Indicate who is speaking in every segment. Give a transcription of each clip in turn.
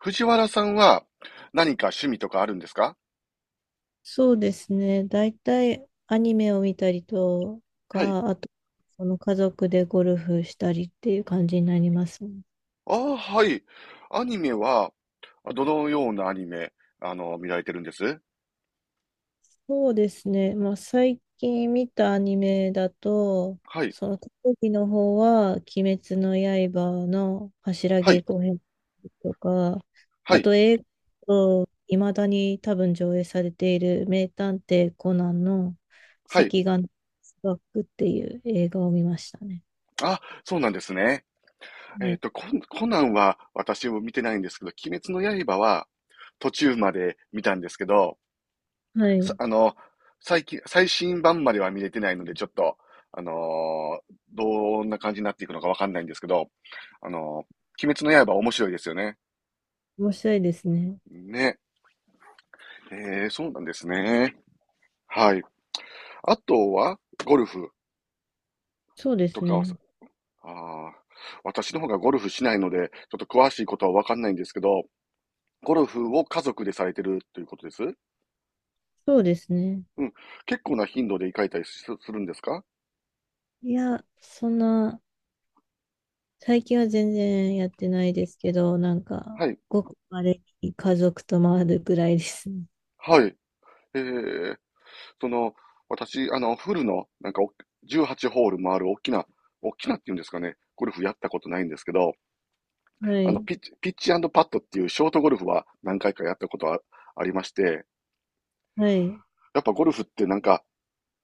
Speaker 1: 藤原さんは何か趣味とかあるんですか？
Speaker 2: そうですね。大体アニメを見たりと
Speaker 1: はい。
Speaker 2: か、あと、その家族でゴルフしたりっていう感じになりますね。
Speaker 1: ああ、はい。アニメは、どのようなアニメ、見られてるんです？
Speaker 2: そうですね。まあ、最近見たアニメだと、
Speaker 1: はい。
Speaker 2: その特技の方は、鬼滅の刃の柱
Speaker 1: は
Speaker 2: 稽
Speaker 1: い。
Speaker 2: 古編とか、
Speaker 1: は
Speaker 2: あ
Speaker 1: い。
Speaker 2: と映画と、いまだに多分上映されている名探偵コナンの
Speaker 1: は
Speaker 2: 赤
Speaker 1: い。
Speaker 2: 眼バックっていう映画を見ましたね。
Speaker 1: あ、そうなんですね。
Speaker 2: は
Speaker 1: えっ
Speaker 2: い。
Speaker 1: と、コンコナンは私も見てないんですけど、鬼滅の刃は途中まで見たんですけど、
Speaker 2: は
Speaker 1: さ、
Speaker 2: い。
Speaker 1: 最近、最新版までは見れてないので、ちょっと、どんな感じになっていくのかわかんないんですけど、あの鬼滅の刃面白いですよね。
Speaker 2: 面白いですね。
Speaker 1: ね。えそうなんですね。はい。あとは、ゴルフ
Speaker 2: そうで
Speaker 1: と
Speaker 2: す
Speaker 1: かはさ、
Speaker 2: ね。
Speaker 1: ああ、私の方がゴルフしないので、ちょっと詳しいことはわかんないんですけど、ゴルフを家族でされてるということです？う
Speaker 2: そうですね。
Speaker 1: ん。結構な頻度で行かれたりすするんですか？
Speaker 2: いや、そんな、最近は全然やってないですけど、なんか、
Speaker 1: はい。
Speaker 2: ごくまれに家族と回るぐらいですね。
Speaker 1: はい。えー、その、私、フルの、なんかお、18ホール回る大きな、大きなっていうんですかね、ゴルフやったことないんですけど、
Speaker 2: はい。
Speaker 1: ピッチ、ピッチパッドっていうショートゴルフは何回かやったことはありまして、
Speaker 2: はい。
Speaker 1: やっぱゴルフってなんか、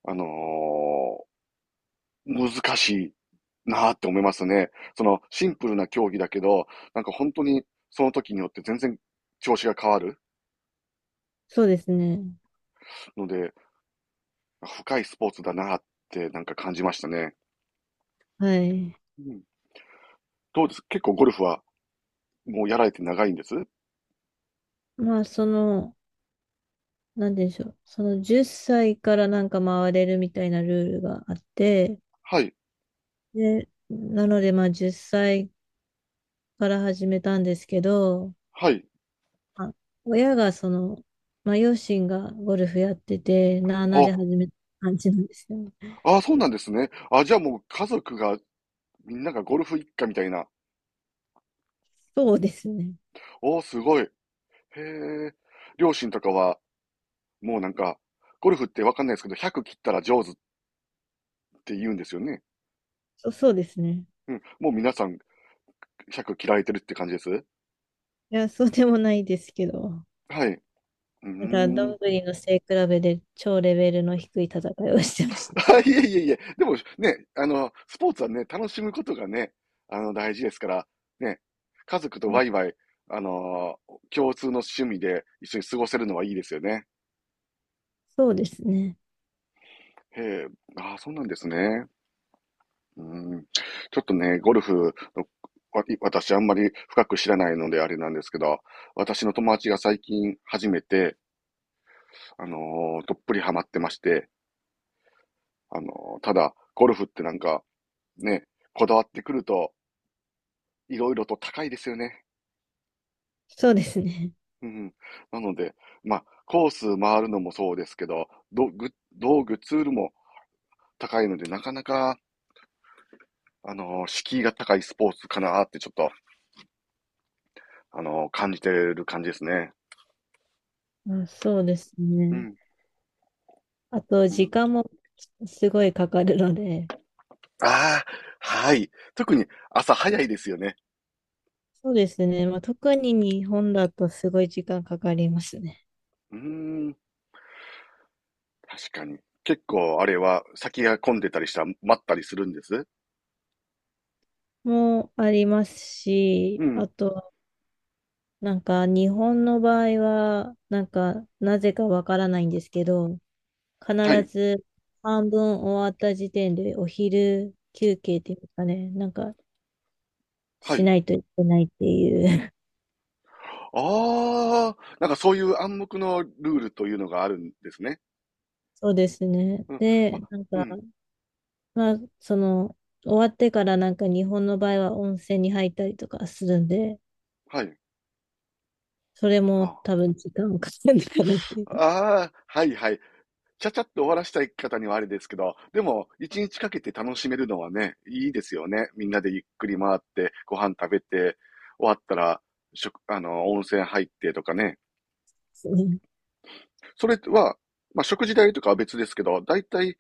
Speaker 1: あのー難しいなーって思いますね。そのシンプルな競技だけど、なんか本当にその時によって全然調子が変わる
Speaker 2: そうですね。
Speaker 1: ので、深いスポーツだなーってなんか感じましたね。
Speaker 2: はい。
Speaker 1: うん、どうです結構ゴルフはもうやられて長いんです？
Speaker 2: まあ、その、なんでしょう。その10歳からなんか回れるみたいなルールがあって、
Speaker 1: はい、
Speaker 2: で、なのでまあ10歳から始めたんですけど、
Speaker 1: はい。
Speaker 2: あ親がその、まあ、両親がゴルフやってて、なあなあ
Speaker 1: あ、
Speaker 2: で始めた感じなんですよね。
Speaker 1: あ、そうなんですね。あ、じゃあもう家族がみんながゴルフ一家みたいな。
Speaker 2: そうですね。
Speaker 1: おー、すごい。へえ。両親とかはもうなんか、ゴルフってわかんないですけど、100切ったら上手って言うんですよね。
Speaker 2: そう、そうですね。
Speaker 1: うん。もう皆さん100切られてるって感じです。
Speaker 2: いや、そうでもないですけど。
Speaker 1: はい。うー
Speaker 2: だから、どん
Speaker 1: ん。
Speaker 2: ぐりの背比べで超レベルの低い戦いをしてまし
Speaker 1: あ、いえいえいえ。でもね、スポーツはね、楽しむことがね、大事ですから、ね、家族と
Speaker 2: た。
Speaker 1: ワイ
Speaker 2: あ、
Speaker 1: ワイ、あの、共通の趣味で一緒に過ごせるのはいいですよね。
Speaker 2: そうですね。
Speaker 1: へえ、ああ、そうなんですね。うん。ちょっとね、ゴルフの、わ私あんまり深く知らないのであれなんですけど、私の友達が最近初めて、あのどっぷりハマってまして、あのただ、ゴルフってなんか、ね、こだわってくると、いろいろと高いですよね。
Speaker 2: そうですね。
Speaker 1: うん。なので、まあ、コース回るのもそうですけど、道具、ツールも高いので、なかなか、敷居が高いスポーツかなってちょっと、感じてる感じですね。
Speaker 2: あ、そうです
Speaker 1: う
Speaker 2: ね。
Speaker 1: ん。
Speaker 2: あと、
Speaker 1: う
Speaker 2: 時
Speaker 1: ん。
Speaker 2: 間もすごいかかるので、
Speaker 1: ああ、はい。特に朝早いですよね。
Speaker 2: そうですね。まあ、特に日本だとすごい時間かかりますね。
Speaker 1: うーん、確かに。結構あれは先が混んでたりしたら待ったりするんです？
Speaker 2: もあります
Speaker 1: う
Speaker 2: し、
Speaker 1: ん、
Speaker 2: あとなんか日本の場合は、なんかなぜかわからないんですけど、必
Speaker 1: はい、
Speaker 2: ず半分終わった時点でお昼休憩っていうかね、なんか
Speaker 1: は
Speaker 2: し
Speaker 1: い。
Speaker 2: ないといけないっていう。
Speaker 1: ああ、なんかそういう暗黙のルールというのがあるんですね。
Speaker 2: そうですね。
Speaker 1: うん、ま、
Speaker 2: で、なん
Speaker 1: う
Speaker 2: か、
Speaker 1: ん、
Speaker 2: まあ、その、終わってからなんか日本の場合は温泉に入ったりとかするんで、
Speaker 1: はい。
Speaker 2: それも
Speaker 1: あ
Speaker 2: 多分時間かかるのかなっていう
Speaker 1: あ、
Speaker 2: で
Speaker 1: あーはいはい。ちゃちゃっと終わらしたい方にはあれですけど、でも、一日かけて楽しめるのはね、いいですよね。みんなでゆっくり回って、ご飯食べて、終わったら、食、温泉入ってとかね。
Speaker 2: すね。
Speaker 1: それは、まあ、食事代とかは別ですけど、だいたい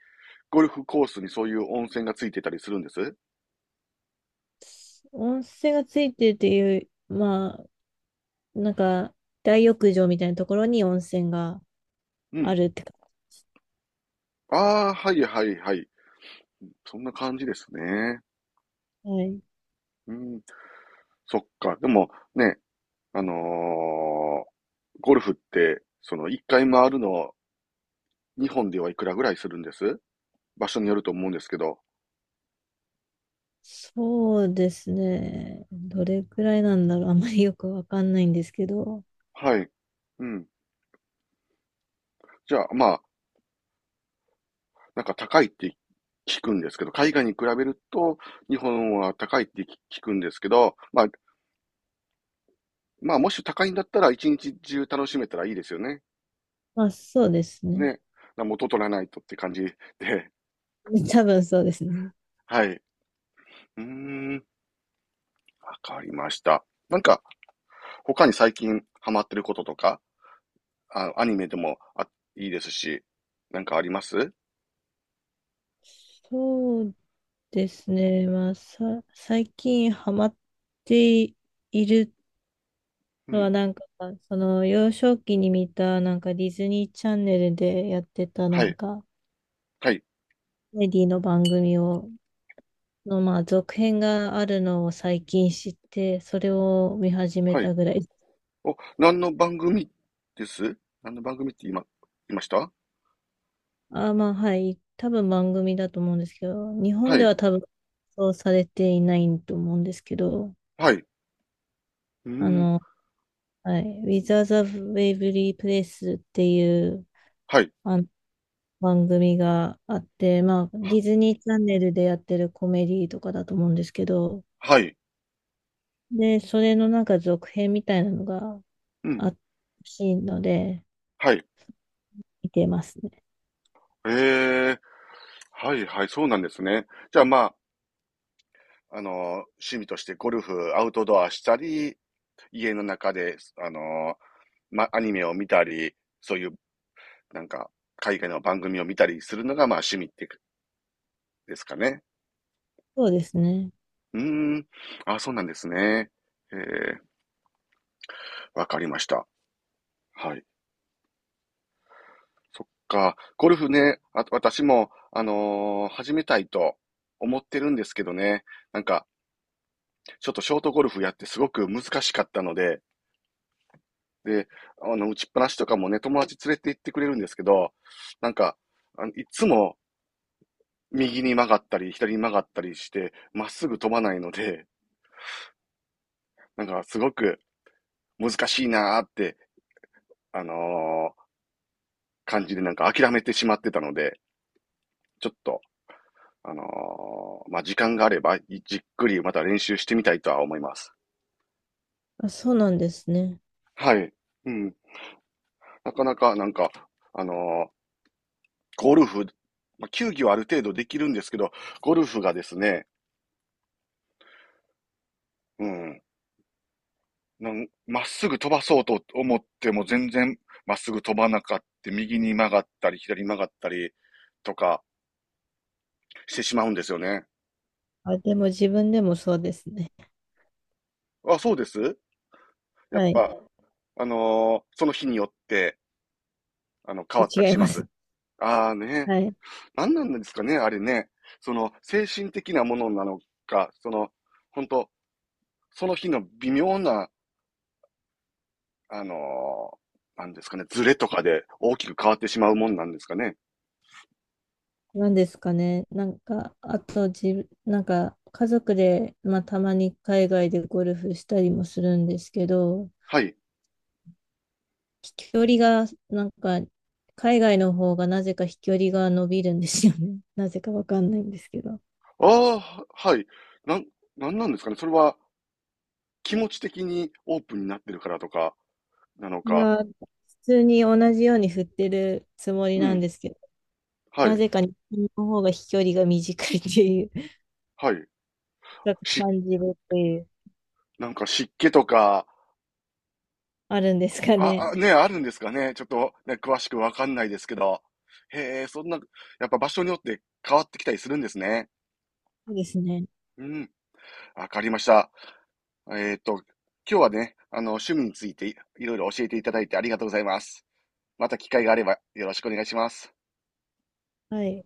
Speaker 1: ゴルフコースにそういう温泉がついてたりするんです？
Speaker 2: 温泉がついてるっていう、まあ、なんか、大浴場みたいなところに温泉が
Speaker 1: う
Speaker 2: あ
Speaker 1: ん。
Speaker 2: るってか。
Speaker 1: ああ、はいはいはい。そんな感じですね。
Speaker 2: はい。
Speaker 1: うん。そっか。でも、ね、あのーゴルフって、その一回回るの、日本ではいくらぐらいするんです？場所によると思うんですけど、
Speaker 2: そうですね。どれくらいなんだろう。あんまりよくわかんないんですけど。
Speaker 1: はい。うん。じゃあ、まあ、なんか高いって聞くんですけど、海外に比べると日本は高いって聞くんですけど、まあ、もし高いんだったら一日中楽しめたらいいですよね。
Speaker 2: まあ、そうですね。
Speaker 1: ね。元取らないとって感じで、
Speaker 2: 多分そうですね。
Speaker 1: はい。うーん、わかりました。なんか、他に最近ハマってることとか、あ、アニメでもあ、いいですし、なんかあります？
Speaker 2: そうですね。まあ、最近ハマっている
Speaker 1: う
Speaker 2: のは、
Speaker 1: ん。
Speaker 2: なんか、その幼少期に見た、なんかディズニーチャンネルでやってた、な
Speaker 1: は
Speaker 2: ん
Speaker 1: い。
Speaker 2: か、
Speaker 1: はい。
Speaker 2: コメディの番組をの、まあ、続編があるのを最近知って、それを見始め
Speaker 1: はい。
Speaker 2: たぐらい。
Speaker 1: お、何の番組です？何の番組って今、言いました？
Speaker 2: まあ、はい。多分番組だと思うんですけど、日
Speaker 1: は
Speaker 2: 本で
Speaker 1: い。
Speaker 2: は多分、そうされていないと思うんですけど、
Speaker 1: はい。うー
Speaker 2: あ
Speaker 1: ん。
Speaker 2: の、はい。With the Waverly Place っていう、
Speaker 1: はい。
Speaker 2: あの、番組があって、まあ、デ
Speaker 1: は、
Speaker 2: ィズニーチャンネルでやってるコメディとかだと思うんですけど、
Speaker 1: はい。
Speaker 2: で、それのなんか続編みたいなのが
Speaker 1: うん。
Speaker 2: あったらしいので、
Speaker 1: はい。
Speaker 2: 見てますね。
Speaker 1: ええ、はいはい、そうなんですね。じゃあまあ、趣味としてゴルフ、アウトドアしたり、家の中で、あの、ま、アニメを見たり、そういう、なんか、海外の番組を見たりするのが、まあ、趣味ってですかね。
Speaker 2: そうですね。
Speaker 1: うーん。あ、そうなんですね。ええ、わかりました。はい。そっか。ゴルフね、あ、私も、始めたいと思ってるんですけどね。なんか、ちょっとショートゴルフやってすごく難しかったので、で、打ちっぱなしとかもね、友達連れて行ってくれるんですけど、なんか、あのいつも右に曲がったり、左に曲がったりして、まっすぐ飛ばないので、なんか、すごく難しいなーって、あのー感じでなんか諦めてしまってたので、ちょっと、あのまあ、時間があれば、じっくりまた練習してみたいとは思います。
Speaker 2: あ、そうなんですね。
Speaker 1: はい。うん。なかなか、なんか、あのーゴルフ、まあ、球技はある程度できるんですけど、ゴルフがですね、うん。なんまっすぐ飛ばそうと思っても全然まっすぐ飛ばなかって、右に曲がったり、左に曲がったりとかしてしまうんですよね。
Speaker 2: あ、でも自分でもそうですね。
Speaker 1: あ、そうです？ やっ
Speaker 2: はい。
Speaker 1: ぱ、その日によって、変わったり
Speaker 2: 違い
Speaker 1: しま
Speaker 2: ま
Speaker 1: す。
Speaker 2: す。
Speaker 1: ああね。
Speaker 2: はい。
Speaker 1: 何なんですかね、あれね。その、精神的なものなのか、その、本当その日の微妙な、あのーなんですかね、ズレとかで大きく変わってしまうもんなんですかね。
Speaker 2: なんですかね。なんか、あと自、なんか、家族で、まあ、たまに海外でゴルフしたりもするんですけど、
Speaker 1: はい。
Speaker 2: 飛距離が、なんか、海外の方がなぜか飛距離が伸びるんですよね。なぜかわかんないんですけど。
Speaker 1: ああ、はい。なん、なんなんですかね。それは気持ち的にオープンになってるからとか、なの
Speaker 2: い
Speaker 1: か。
Speaker 2: やー、普通に同じように振ってるつもり
Speaker 1: う
Speaker 2: なん
Speaker 1: ん。
Speaker 2: ですけど、
Speaker 1: は
Speaker 2: な
Speaker 1: い。
Speaker 2: ぜか日本の方が飛距離が短いっていう、
Speaker 1: はい。
Speaker 2: ちょっと
Speaker 1: し、
Speaker 2: 感じるっていう。
Speaker 1: なんか湿気とか、
Speaker 2: あるんですかね。
Speaker 1: あ、あ、ね、あるんですかね。ちょっとね、詳しくわかんないですけど。へえ、そんな、やっぱ場所によって変わってきたりするんですね。
Speaker 2: そうですね。
Speaker 1: うん、わかりました。えっと、今日はね、趣味についていいろいろ教えていただいてありがとうございます。また機会があればよろしくお願いします。
Speaker 2: はい。